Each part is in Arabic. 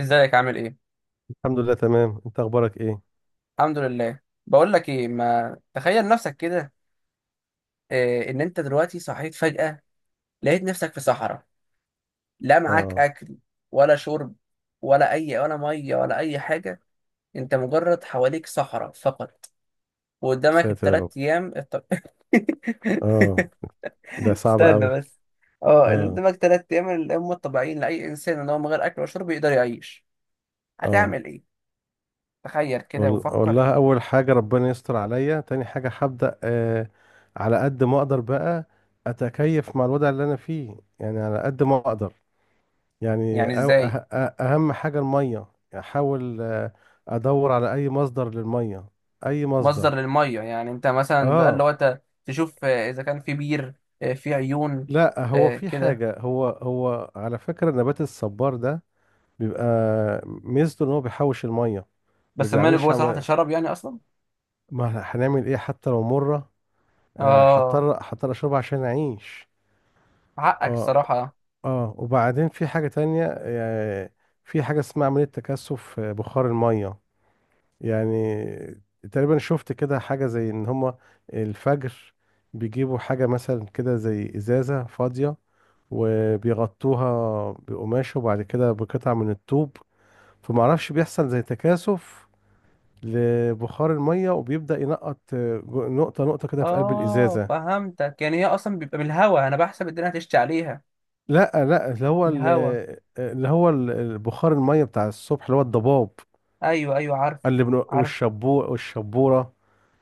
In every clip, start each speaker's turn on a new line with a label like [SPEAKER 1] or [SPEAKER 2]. [SPEAKER 1] ازيك عامل ايه؟
[SPEAKER 2] الحمد لله، تمام. انت اخبارك ايه؟
[SPEAKER 1] الحمد لله. بقول لك ايه، ما تخيل نفسك كده. إيه ان انت دلوقتي صحيت فجأة، لقيت نفسك في صحراء، لا معاك
[SPEAKER 2] اه.
[SPEAKER 1] اكل، ولا شرب، ولا ميه ولا اي حاجة. انت مجرد حواليك صحراء فقط.
[SPEAKER 2] يا
[SPEAKER 1] وقدامك
[SPEAKER 2] ساتر يا
[SPEAKER 1] الثلاث
[SPEAKER 2] رب.
[SPEAKER 1] ايام
[SPEAKER 2] اه. ده صعب
[SPEAKER 1] استنى
[SPEAKER 2] قوي.
[SPEAKER 1] بس. اه،
[SPEAKER 2] اه.
[SPEAKER 1] قدامك ثلاث ايام اللي هم الطبيعيين لاي انسان ان هو من غير اكل وشرب يقدر يعيش.
[SPEAKER 2] اه،
[SPEAKER 1] هتعمل ايه؟ تخيل كده وفكر.
[SPEAKER 2] والله اول حاجه ربنا يستر عليا، تاني حاجه هبدا على قد ما اقدر بقى، اتكيف مع الوضع اللي انا فيه، يعني على قد ما اقدر. يعني
[SPEAKER 1] يعني ازاي؟
[SPEAKER 2] اهم حاجه الميه. احاول ادور على اي مصدر للميه، اي مصدر.
[SPEAKER 1] مصدر للميه يعني انت مثلا بقى اللي
[SPEAKER 2] اه.
[SPEAKER 1] هو انت تشوف، اذا كان في بير، آه، في عيون.
[SPEAKER 2] لا، هو
[SPEAKER 1] آه،
[SPEAKER 2] في
[SPEAKER 1] كده.
[SPEAKER 2] حاجه، هو على فكره نبات الصبار ده بيبقى ميزته ان هو بيحوش الميه. ما
[SPEAKER 1] بس الماء اللي
[SPEAKER 2] بيعملش
[SPEAKER 1] جوه صراحه
[SPEAKER 2] عم...
[SPEAKER 1] تشرب يعني اصلا؟
[SPEAKER 2] ما هنعمل ايه، حتى لو مره
[SPEAKER 1] اه،
[SPEAKER 2] هضطر اشربها عشان اعيش.
[SPEAKER 1] حقك
[SPEAKER 2] اه.
[SPEAKER 1] الصراحه.
[SPEAKER 2] اه، وبعدين في حاجه تانية، في حاجه اسمها عمليه تكثف بخار الميه. يعني تقريبا شفت كده حاجه زي ان هما الفجر بيجيبوا حاجه مثلا كده زي ازازه فاضيه، وبيغطوها بقماش، وبعد كده بقطع من الطوب، فمعرفش بيحصل زي تكاثف لبخار الميه، وبيبدأ ينقط نقطة نقطة كده في قلب
[SPEAKER 1] اه
[SPEAKER 2] الإزازة.
[SPEAKER 1] فهمتك، يعني هي اصلا بيبقى بالهوا، انا بحسب الدنيا هتشتي عليها.
[SPEAKER 2] لا، لا، اللي هو
[SPEAKER 1] الهوا.
[SPEAKER 2] البخار الميه بتاع الصبح اللي هو الضباب،
[SPEAKER 1] ايوه ايوه، عارفه. عارف.
[SPEAKER 2] والشبو والشبورة،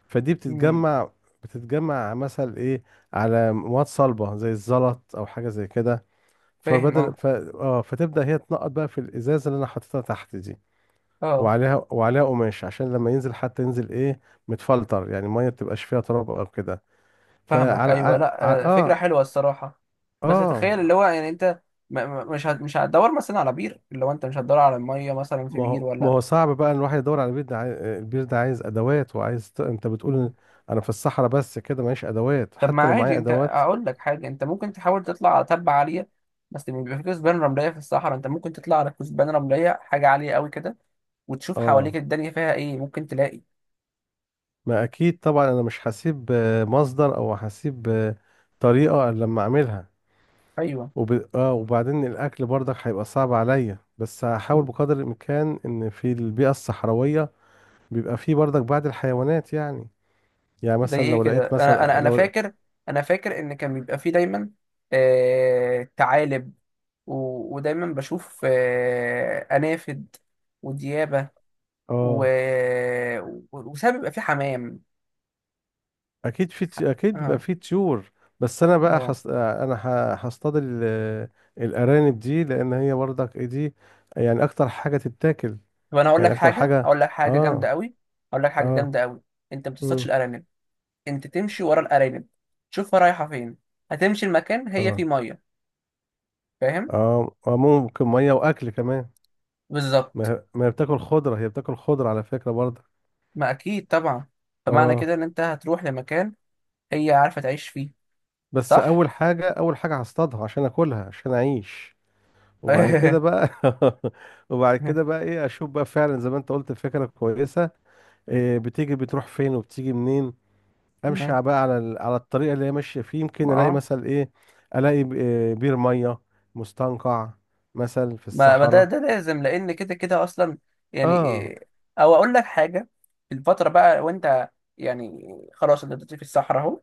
[SPEAKER 2] فدي
[SPEAKER 1] مم،
[SPEAKER 2] بتتجمع. بتتجمع مثلا ايه على مواد صلبة زي الزلط او حاجة زي كده،
[SPEAKER 1] فاهم.
[SPEAKER 2] فبدل
[SPEAKER 1] اه.
[SPEAKER 2] ف... اه فتبدأ هي تنقط بقى في الإزازة اللي انا حاططها تحت دي.
[SPEAKER 1] اه
[SPEAKER 2] وعليها قماش عشان لما ينزل حتى ينزل ايه، متفلتر، يعني الميه ما تبقاش فيها تراب او كده.
[SPEAKER 1] فاهمك،
[SPEAKER 2] فعلى على...
[SPEAKER 1] ايوه
[SPEAKER 2] على...
[SPEAKER 1] لا، فكره
[SPEAKER 2] اه
[SPEAKER 1] حلوه الصراحه. بس
[SPEAKER 2] اه.
[SPEAKER 1] تخيل اللي هو يعني انت، مش هتدور مثلا على بير، اللي هو انت مش هتدور على الميه مثلا في
[SPEAKER 2] ما
[SPEAKER 1] بير
[SPEAKER 2] هو ما
[SPEAKER 1] ولا.
[SPEAKER 2] هو صعب بقى ان الواحد يدور على بير، البير ده عايز ادوات وعايز انت بتقول
[SPEAKER 1] مم.
[SPEAKER 2] إن انا في الصحراء بس كده معيش ادوات،
[SPEAKER 1] طب ما
[SPEAKER 2] حتى لو
[SPEAKER 1] عادي،
[SPEAKER 2] معايا
[SPEAKER 1] انت
[SPEAKER 2] ادوات.
[SPEAKER 1] اقول لك حاجه، انت ممكن تحاول تطلع على تبة عاليه. بس لما بيبقى في كثبان رمليه في الصحراء، انت ممكن تطلع على كثبان رمليه، حاجه عاليه قوي كده، وتشوف حواليك
[SPEAKER 2] اه.
[SPEAKER 1] الدنيا فيها ايه ممكن تلاقي.
[SPEAKER 2] ما اكيد طبعا، انا مش هسيب مصدر او هسيب طريقة إلا لما اعملها.
[SPEAKER 1] ايوه.
[SPEAKER 2] وب... اه وبعدين الاكل برضك هيبقى صعب عليا، بس هحاول بقدر الامكان ان في البيئة الصحراوية بيبقى فيه برضك بعض الحيوانات، يعني. يعني
[SPEAKER 1] زي
[SPEAKER 2] مثلا
[SPEAKER 1] ايه
[SPEAKER 2] لو
[SPEAKER 1] كده؟
[SPEAKER 2] لقيت،
[SPEAKER 1] انا
[SPEAKER 2] مثلا
[SPEAKER 1] انا انا
[SPEAKER 2] لو
[SPEAKER 1] فاكر، انا فاكر ان كان بيبقى في دايما ثعالب، و... ودايما بشوف انافد وديابه، و...
[SPEAKER 2] اه،
[SPEAKER 1] وساعات بيبقى في حمام. ح-
[SPEAKER 2] اكيد بيبقى
[SPEAKER 1] اه.
[SPEAKER 2] في طيور، بس انا بقى
[SPEAKER 1] اه.
[SPEAKER 2] هصطاد الارانب دي، لان هي برضك ايه دي، يعني اكتر حاجه تتاكل،
[SPEAKER 1] طب انا اقول
[SPEAKER 2] يعني
[SPEAKER 1] لك
[SPEAKER 2] اكتر
[SPEAKER 1] حاجه،
[SPEAKER 2] حاجه.
[SPEAKER 1] اقول لك حاجه جامده
[SPEAKER 2] اه.
[SPEAKER 1] قوي، اقول لك حاجه
[SPEAKER 2] اه.
[SPEAKER 1] جامده قوي. انت ما تصطادش
[SPEAKER 2] امم.
[SPEAKER 1] الارانب، انت تمشي ورا الارانب، تشوفها رايحه فين، هتمشي المكان هي فيه
[SPEAKER 2] اه.
[SPEAKER 1] ميه. فاهم.
[SPEAKER 2] اه. آه، ممكن ميه واكل كمان. ما
[SPEAKER 1] بالظبط.
[SPEAKER 2] هي ما هي بتاكل خضره، هي بتاكل خضره على فكره برضك.
[SPEAKER 1] ما اكيد طبعا. فمعنى
[SPEAKER 2] اه،
[SPEAKER 1] كده ان انت هتروح لمكان هي عارفه تعيش فيه.
[SPEAKER 2] بس
[SPEAKER 1] صح.
[SPEAKER 2] اول حاجه هصطادها عشان اكلها عشان اعيش. وبعد كده بقى. وبعد كده بقى ايه، اشوف بقى فعلا زي ما انت قلت فكره كويسه، إيه، بتيجي بتروح فين وبتيجي منين. امشي على- بقى على ال- على الطريقه اللي هي ماشيه فيه،
[SPEAKER 1] ما
[SPEAKER 2] يمكن الاقي
[SPEAKER 1] آه.
[SPEAKER 2] مثلا ايه، إيه، بير ميه، مستنقع مثلا في
[SPEAKER 1] ما ده
[SPEAKER 2] الصحراء.
[SPEAKER 1] ده لازم، لان كده كده اصلا يعني.
[SPEAKER 2] اه.
[SPEAKER 1] إيه- او اقول لك حاجه. الفتره بقى وانت، يعني خلاص انت دلوقتي في الصحراء اهو،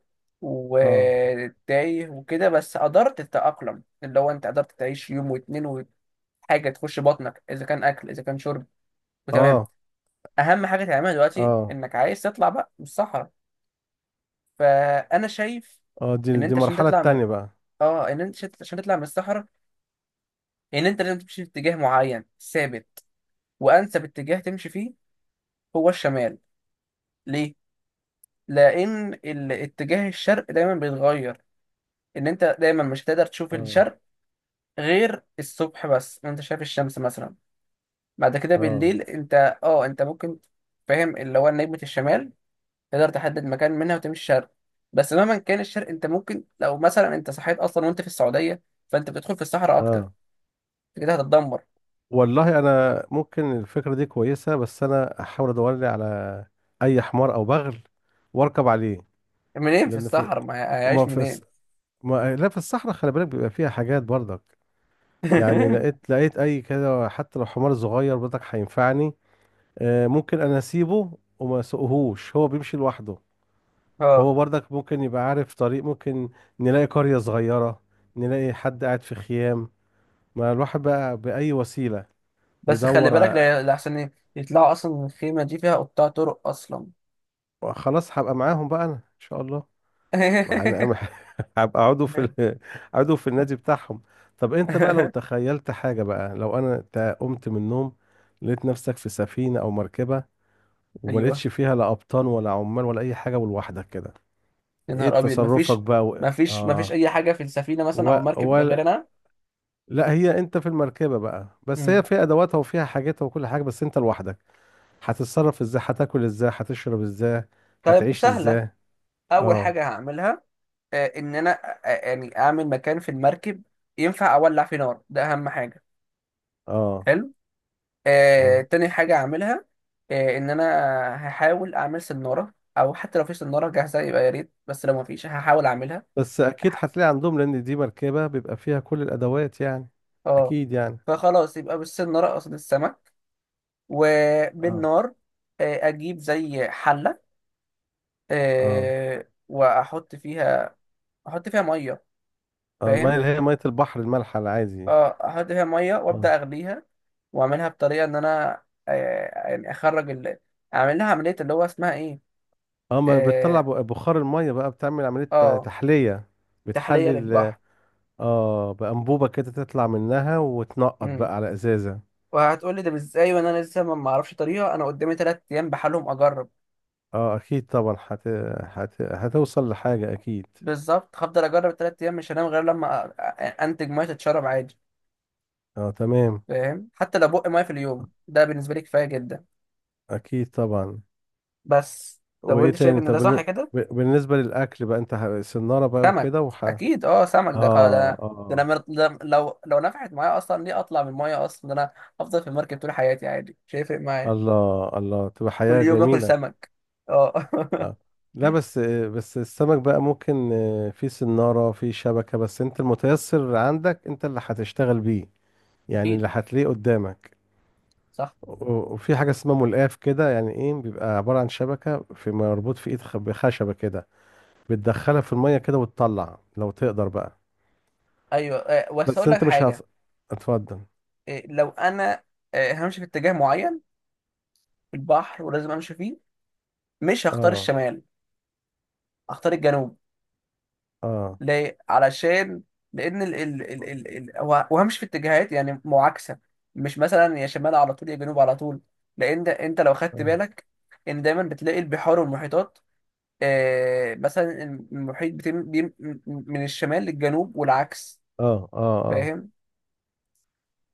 [SPEAKER 2] اه.
[SPEAKER 1] وتايه وكده، بس قدرت تتاقلم، اللي هو انت قدرت تعيش يوم واتنين وحاجه تخش بطنك، اذا كان اكل اذا كان شرب، وتمام.
[SPEAKER 2] اه.
[SPEAKER 1] اهم حاجه تعملها دلوقتي
[SPEAKER 2] اه.
[SPEAKER 1] انك عايز تطلع بقى من الصحراء. فانا شايف
[SPEAKER 2] اه. دي
[SPEAKER 1] ان
[SPEAKER 2] دي
[SPEAKER 1] انت عشان
[SPEAKER 2] المرحله
[SPEAKER 1] تطلع من،
[SPEAKER 2] التانيه بقى.
[SPEAKER 1] اه، ان انت عشان تطلع من الصحراء، ان انت لازم تمشي في اتجاه معين ثابت. وانسب اتجاه تمشي فيه هو الشمال. ليه؟ لأن الاتجاه الشرق دايما بيتغير. إن أنت دايما مش هتقدر تشوف
[SPEAKER 2] اه.
[SPEAKER 1] الشرق غير الصبح بس وأنت شايف الشمس مثلا. بعد كده
[SPEAKER 2] اه.
[SPEAKER 1] بالليل أنت، أنت ممكن، فاهم، اللي هو نجمة الشمال، تقدر تحدد مكان منها وتمشي شرق. بس مهما كان الشرق، أنت ممكن لو مثلا أنت صحيت أصلا وأنت في السعودية، فأنت بتدخل في الصحراء أكتر،
[SPEAKER 2] اه.
[SPEAKER 1] أنت كده هتتدمر.
[SPEAKER 2] والله انا ممكن الفكره دي كويسه، بس انا احاول ادور لي على اي حمار او بغل واركب عليه.
[SPEAKER 1] منين في
[SPEAKER 2] لان في،
[SPEAKER 1] الصحراء؟ ما
[SPEAKER 2] ما
[SPEAKER 1] هيعيش
[SPEAKER 2] في
[SPEAKER 1] منين.
[SPEAKER 2] الس- ما لا في الصحراء، خلي بالك بيبقى فيها حاجات برضك، يعني. لقيت اي كده، حتى لو حمار صغير بدك هينفعني. ممكن انا اسيبه وما اسوقهوش هو بيمشي لوحده.
[SPEAKER 1] اه.
[SPEAKER 2] هو برضك ممكن يبقى عارف طريق، ممكن نلاقي قرية صغيرة، نلاقي حد قاعد في خيام. ما الواحد بقى بأي وسيلة.
[SPEAKER 1] بس خلي
[SPEAKER 2] يدور
[SPEAKER 1] بالك،
[SPEAKER 2] ع-
[SPEAKER 1] لأحسن إيه يطلعوا أصلا من الخيمة دي فيها قطاع طرق أصلا.
[SPEAKER 2] خلاص هبقى معاهم بقى انا ان شاء الله. ما هن- هبقى عضو في عضو في النادي بتاعهم. طب انت بقى لو تخيلت حاجة بقى، لو انا قمت من النوم لقيت نفسك في سفينة او مركبة، وما
[SPEAKER 1] أيوه.
[SPEAKER 2] لقيتش فيها لا قبطان ولا عمال ولا اي حاجه، ولوحدك كده،
[SPEAKER 1] يا
[SPEAKER 2] ايه
[SPEAKER 1] نهار أبيض،
[SPEAKER 2] تصرفك بقى و...
[SPEAKER 1] مفيش
[SPEAKER 2] اه
[SPEAKER 1] أي حاجة في السفينة مثلا
[SPEAKER 2] و...
[SPEAKER 1] أو المركب غير
[SPEAKER 2] ولا
[SPEAKER 1] أنا.
[SPEAKER 2] لا، هي انت في المركبه بقى، بس هي
[SPEAKER 1] مم.
[SPEAKER 2] فيها ادواتها وفيها حاجاتها وكل حاجه، بس انت لوحدك. هتتصرف ازاي، هتاكل ازاي، هتشرب ازاي،
[SPEAKER 1] طيب
[SPEAKER 2] هتعيش
[SPEAKER 1] سهلة.
[SPEAKER 2] ازاي؟
[SPEAKER 1] أول
[SPEAKER 2] اه.
[SPEAKER 1] حاجة هعملها، آه، إن أنا آه، آه، يعني أعمل مكان في المركب ينفع أولع فيه نار، ده أهم حاجة.
[SPEAKER 2] اه.
[SPEAKER 1] حلو.
[SPEAKER 2] اه،
[SPEAKER 1] تاني حاجة أعملها، إن أنا هحاول أعمل سنارة، أو حتى لو في سنارة جاهزة يبقى يا ريت، بس لو مفيش هحاول أعملها.
[SPEAKER 2] بس اكيد هتلاقي عندهم، لان دي مركبه بيبقى فيها كل الادوات، يعني
[SPEAKER 1] اه.
[SPEAKER 2] اكيد يعني.
[SPEAKER 1] فخلاص يبقى بالسمنة رقص السمك،
[SPEAKER 2] اه.
[SPEAKER 1] وبالنار اجيب زي حلة،
[SPEAKER 2] اه،
[SPEAKER 1] واحط فيها، احط فيها مية.
[SPEAKER 2] آه. الميه
[SPEAKER 1] فاهم.
[SPEAKER 2] اللي هي ميه البحر المالحه العادي.
[SPEAKER 1] اه، احط فيها مية
[SPEAKER 2] اه.
[SPEAKER 1] وابدأ اغليها. واعملها بطريقة ان انا، يعني اخرج اعمل لها عملية اللي هو اسمها ايه.
[SPEAKER 2] اه، ما بتطلع
[SPEAKER 1] اه.
[SPEAKER 2] ب- بخار المية بقى، بتعمل عملية
[SPEAKER 1] آه،
[SPEAKER 2] تحلية،
[SPEAKER 1] تحلية
[SPEAKER 2] بتحلل.
[SPEAKER 1] للبحر.
[SPEAKER 2] اه، بأنبوبة كده تطلع منها وتنقط
[SPEAKER 1] امم.
[SPEAKER 2] بقى على ازازة.
[SPEAKER 1] وهتقولي ده ازاي، وانا لسه ما اعرفش طريقة؟ انا قدامي تلات ايام بحالهم اجرب.
[SPEAKER 2] اه، اكيد طبعا، هتوصل لحاجة اكيد.
[SPEAKER 1] بالظبط. هفضل اجرب تلات ايام، مش هنام غير لما انتج ميه تتشرب عادي.
[SPEAKER 2] اه، تمام.
[SPEAKER 1] فاهم. حتى لو بق ميه في اليوم ده بالنسبه لي كفايه جدا.
[SPEAKER 2] اكيد طبعا.
[SPEAKER 1] بس لو
[SPEAKER 2] وايه
[SPEAKER 1] انت شايف
[SPEAKER 2] تاني؟
[SPEAKER 1] ان ده صح كده.
[SPEAKER 2] بالنسبة للاكل بقى، انت سنارة بقى
[SPEAKER 1] سمك.
[SPEAKER 2] وكده، وح اه.
[SPEAKER 1] اكيد اه، سمك، ده، ده انا،
[SPEAKER 2] اه.
[SPEAKER 1] ده لو لو نفعت معايا اصلا، ليه اطلع من الميه اصلا؟ ده انا افضل في المركب طول حياتي عادي مش هيفرق معايا.
[SPEAKER 2] الله، الله، تبقى
[SPEAKER 1] كل
[SPEAKER 2] حياة
[SPEAKER 1] يوم اكل
[SPEAKER 2] جميلة.
[SPEAKER 1] سمك. اه.
[SPEAKER 2] اه. لا، بس السمك بقى ممكن في سنارة في شبكة، بس انت المتيسر عندك انت اللي هتشتغل بيه، يعني
[SPEAKER 1] اكيد.
[SPEAKER 2] اللي هتلاقيه قدامك.
[SPEAKER 1] صح.
[SPEAKER 2] وفي حاجة اسمها ملقاف كده، يعني ايه، بيبقى عبارة عن شبكة في مربوط في بخشبة كده، بتدخلها في المية كده وتطلع لو تقدر بقى.
[SPEAKER 1] ايوه، بس
[SPEAKER 2] بس
[SPEAKER 1] اقول لك
[SPEAKER 2] انت مش هت...
[SPEAKER 1] حاجه،
[SPEAKER 2] اتفضل.
[SPEAKER 1] لو انا، همشي في اتجاه معين في البحر، ولازم امشي فيه. مش هختار
[SPEAKER 2] اه.
[SPEAKER 1] الشمال، هختار الجنوب.
[SPEAKER 2] اه.
[SPEAKER 1] ليه؟ علشان، لأن ال ال ال ال ال هو مش في اتجاهات يعني معاكسة، مش مثلا يا شمال على طول يا جنوب على طول. لأن ده أنت لو خدت
[SPEAKER 2] اه.
[SPEAKER 1] بالك إن دايما بتلاقي البحار والمحيطات، آه مثلا، المحيط بتم بيم من الشمال للجنوب والعكس.
[SPEAKER 2] اه. اه، آه.
[SPEAKER 1] فاهم؟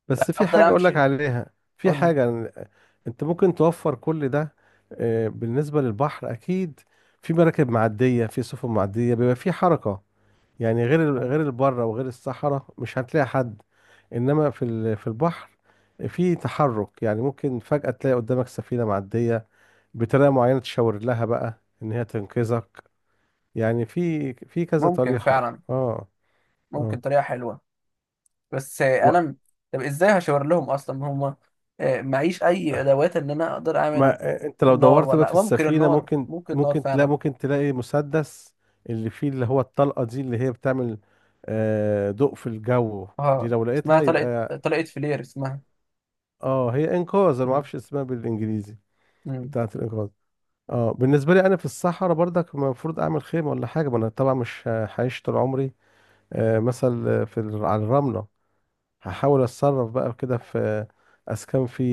[SPEAKER 2] بس في
[SPEAKER 1] أفضل
[SPEAKER 2] حاجة أقول لك
[SPEAKER 1] أمشي.
[SPEAKER 2] عليها،
[SPEAKER 1] قول لي.
[SPEAKER 2] أنت ممكن توفر كل ده. بالنسبة للبحر أكيد في مراكب معدية، في سفن معدية، بيبقى في حركة، يعني غير البرة وغير الصحراء مش هتلاقي حد، إنما في في البحر في تحرك، يعني ممكن فجأة تلاقي قدامك سفينة معدية، بطريقة معينة تشاور لها بقى إن هي تنقذك، يعني في كذا
[SPEAKER 1] ممكن
[SPEAKER 2] طريقة.
[SPEAKER 1] فعلا.
[SPEAKER 2] اه.
[SPEAKER 1] ممكن
[SPEAKER 2] اه،
[SPEAKER 1] طريقة حلوة. بس انا، طب ازاي هشاور لهم اصلا هم؟ معيش اي ادوات ان انا اقدر اعمل.
[SPEAKER 2] ما انت لو
[SPEAKER 1] النار،
[SPEAKER 2] دورت بقى
[SPEAKER 1] ولا
[SPEAKER 2] في
[SPEAKER 1] ممكن
[SPEAKER 2] السفينة
[SPEAKER 1] النار،
[SPEAKER 2] ممكن
[SPEAKER 1] ممكن النار
[SPEAKER 2] ممكن تلاقي،
[SPEAKER 1] فعلا.
[SPEAKER 2] ممكن تلاقي مسدس اللي فيه، اللي هو الطلقة دي اللي هي بتعمل ضوء في الجو. دي
[SPEAKER 1] اه،
[SPEAKER 2] لو
[SPEAKER 1] اسمها
[SPEAKER 2] لقيتها
[SPEAKER 1] طلقت،
[SPEAKER 2] يبقى،
[SPEAKER 1] طلقت فلير اسمها.
[SPEAKER 2] اه، هي انقاذ، انا ما
[SPEAKER 1] مم.
[SPEAKER 2] اعرفش اسمها بالانجليزي،
[SPEAKER 1] مم.
[SPEAKER 2] بتاعة الانقاذ. اه، بالنسبة لي انا في الصحراء برضك المفروض اعمل خيمة ولا حاجة، ما انا طبعا مش هعيش طول عمري على الرملة. هحاول اتصرف بقى كده في اسكان في،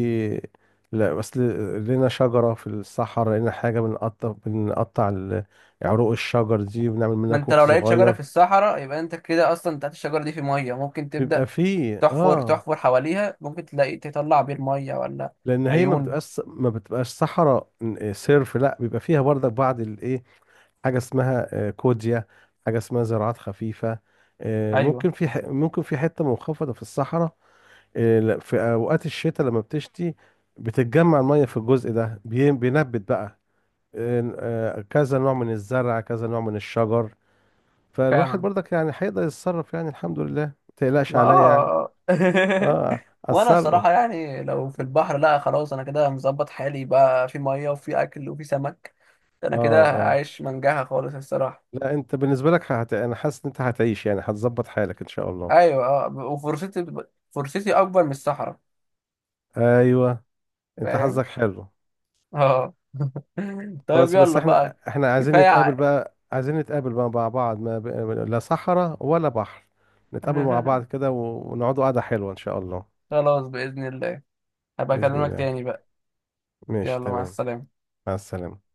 [SPEAKER 2] لا بس لقينا شجره في الصحراء، لقينا حاجه بنقطع، عروق الشجر دي وبنعمل
[SPEAKER 1] ما
[SPEAKER 2] منها
[SPEAKER 1] انت
[SPEAKER 2] كوخ
[SPEAKER 1] لو لقيت شجره في
[SPEAKER 2] صغير،
[SPEAKER 1] الصحراء، يبقى انت كده اصلا تحت الشجره دي في ميه ممكن تبدا
[SPEAKER 2] بيبقى فيه اه،
[SPEAKER 1] تحفر حواليها، ممكن تلاقي تطلع بير ميه ولا
[SPEAKER 2] لان هي ما
[SPEAKER 1] عيون.
[SPEAKER 2] بتبقاش ما بتبقاش صحراء صرف، لا بيبقى فيها برضك بعض الايه، حاجه اسمها كوديا، حاجه اسمها زراعات خفيفه،
[SPEAKER 1] ايوه.
[SPEAKER 2] ممكن في ممكن في حته منخفضه في الصحراء، إيه، لا، في اوقات الشتاء لما بتشتي بتتجمع الميه في الجزء ده، بينبت بقى إن- كذا نوع من الزرع، كذا نوع من الشجر. فالواحد
[SPEAKER 1] فعلا.
[SPEAKER 2] برضك يعني هيقدر يتصرف، يعني الحمد لله ما تقلقش
[SPEAKER 1] ما
[SPEAKER 2] عليا يعني.
[SPEAKER 1] اه.
[SPEAKER 2] اه،
[SPEAKER 1] وانا
[SPEAKER 2] اتصرف.
[SPEAKER 1] الصراحه يعني لو في البحر، لا خلاص انا كده مظبط حالي بقى، في ميه وفي اكل وفي سمك. انا كده
[SPEAKER 2] اه. اه.
[SPEAKER 1] عايش منجاها خالص الصراحه.
[SPEAKER 2] لا، انت بالنسبه لك انا حاسس ان انت هتعيش، يعني هتظبط حالك ان شاء الله.
[SPEAKER 1] ايوه اه. وفرصتي، فرصتي اكبر من الصحراء.
[SPEAKER 2] ايوه، انت
[SPEAKER 1] فاهم.
[SPEAKER 2] حظك حلو.
[SPEAKER 1] اه. طيب
[SPEAKER 2] خلاص، بس
[SPEAKER 1] يلا
[SPEAKER 2] احنا
[SPEAKER 1] بقى،
[SPEAKER 2] احنا عايزين
[SPEAKER 1] كفايه
[SPEAKER 2] نتقابل
[SPEAKER 1] ع-
[SPEAKER 2] بقى، عايزين نتقابل بقى مع بعض، ما ب... لا صحراء ولا بحر، نتقابل مع بعض كده ونقعدوا قعدة حلوة إن شاء الله.
[SPEAKER 1] خلاص باذن الله، هبقى
[SPEAKER 2] بإذن
[SPEAKER 1] اكلمك
[SPEAKER 2] الله.
[SPEAKER 1] تاني بقى.
[SPEAKER 2] ماشي،
[SPEAKER 1] يلا مع
[SPEAKER 2] تمام.
[SPEAKER 1] السلامه.
[SPEAKER 2] مع السلامة.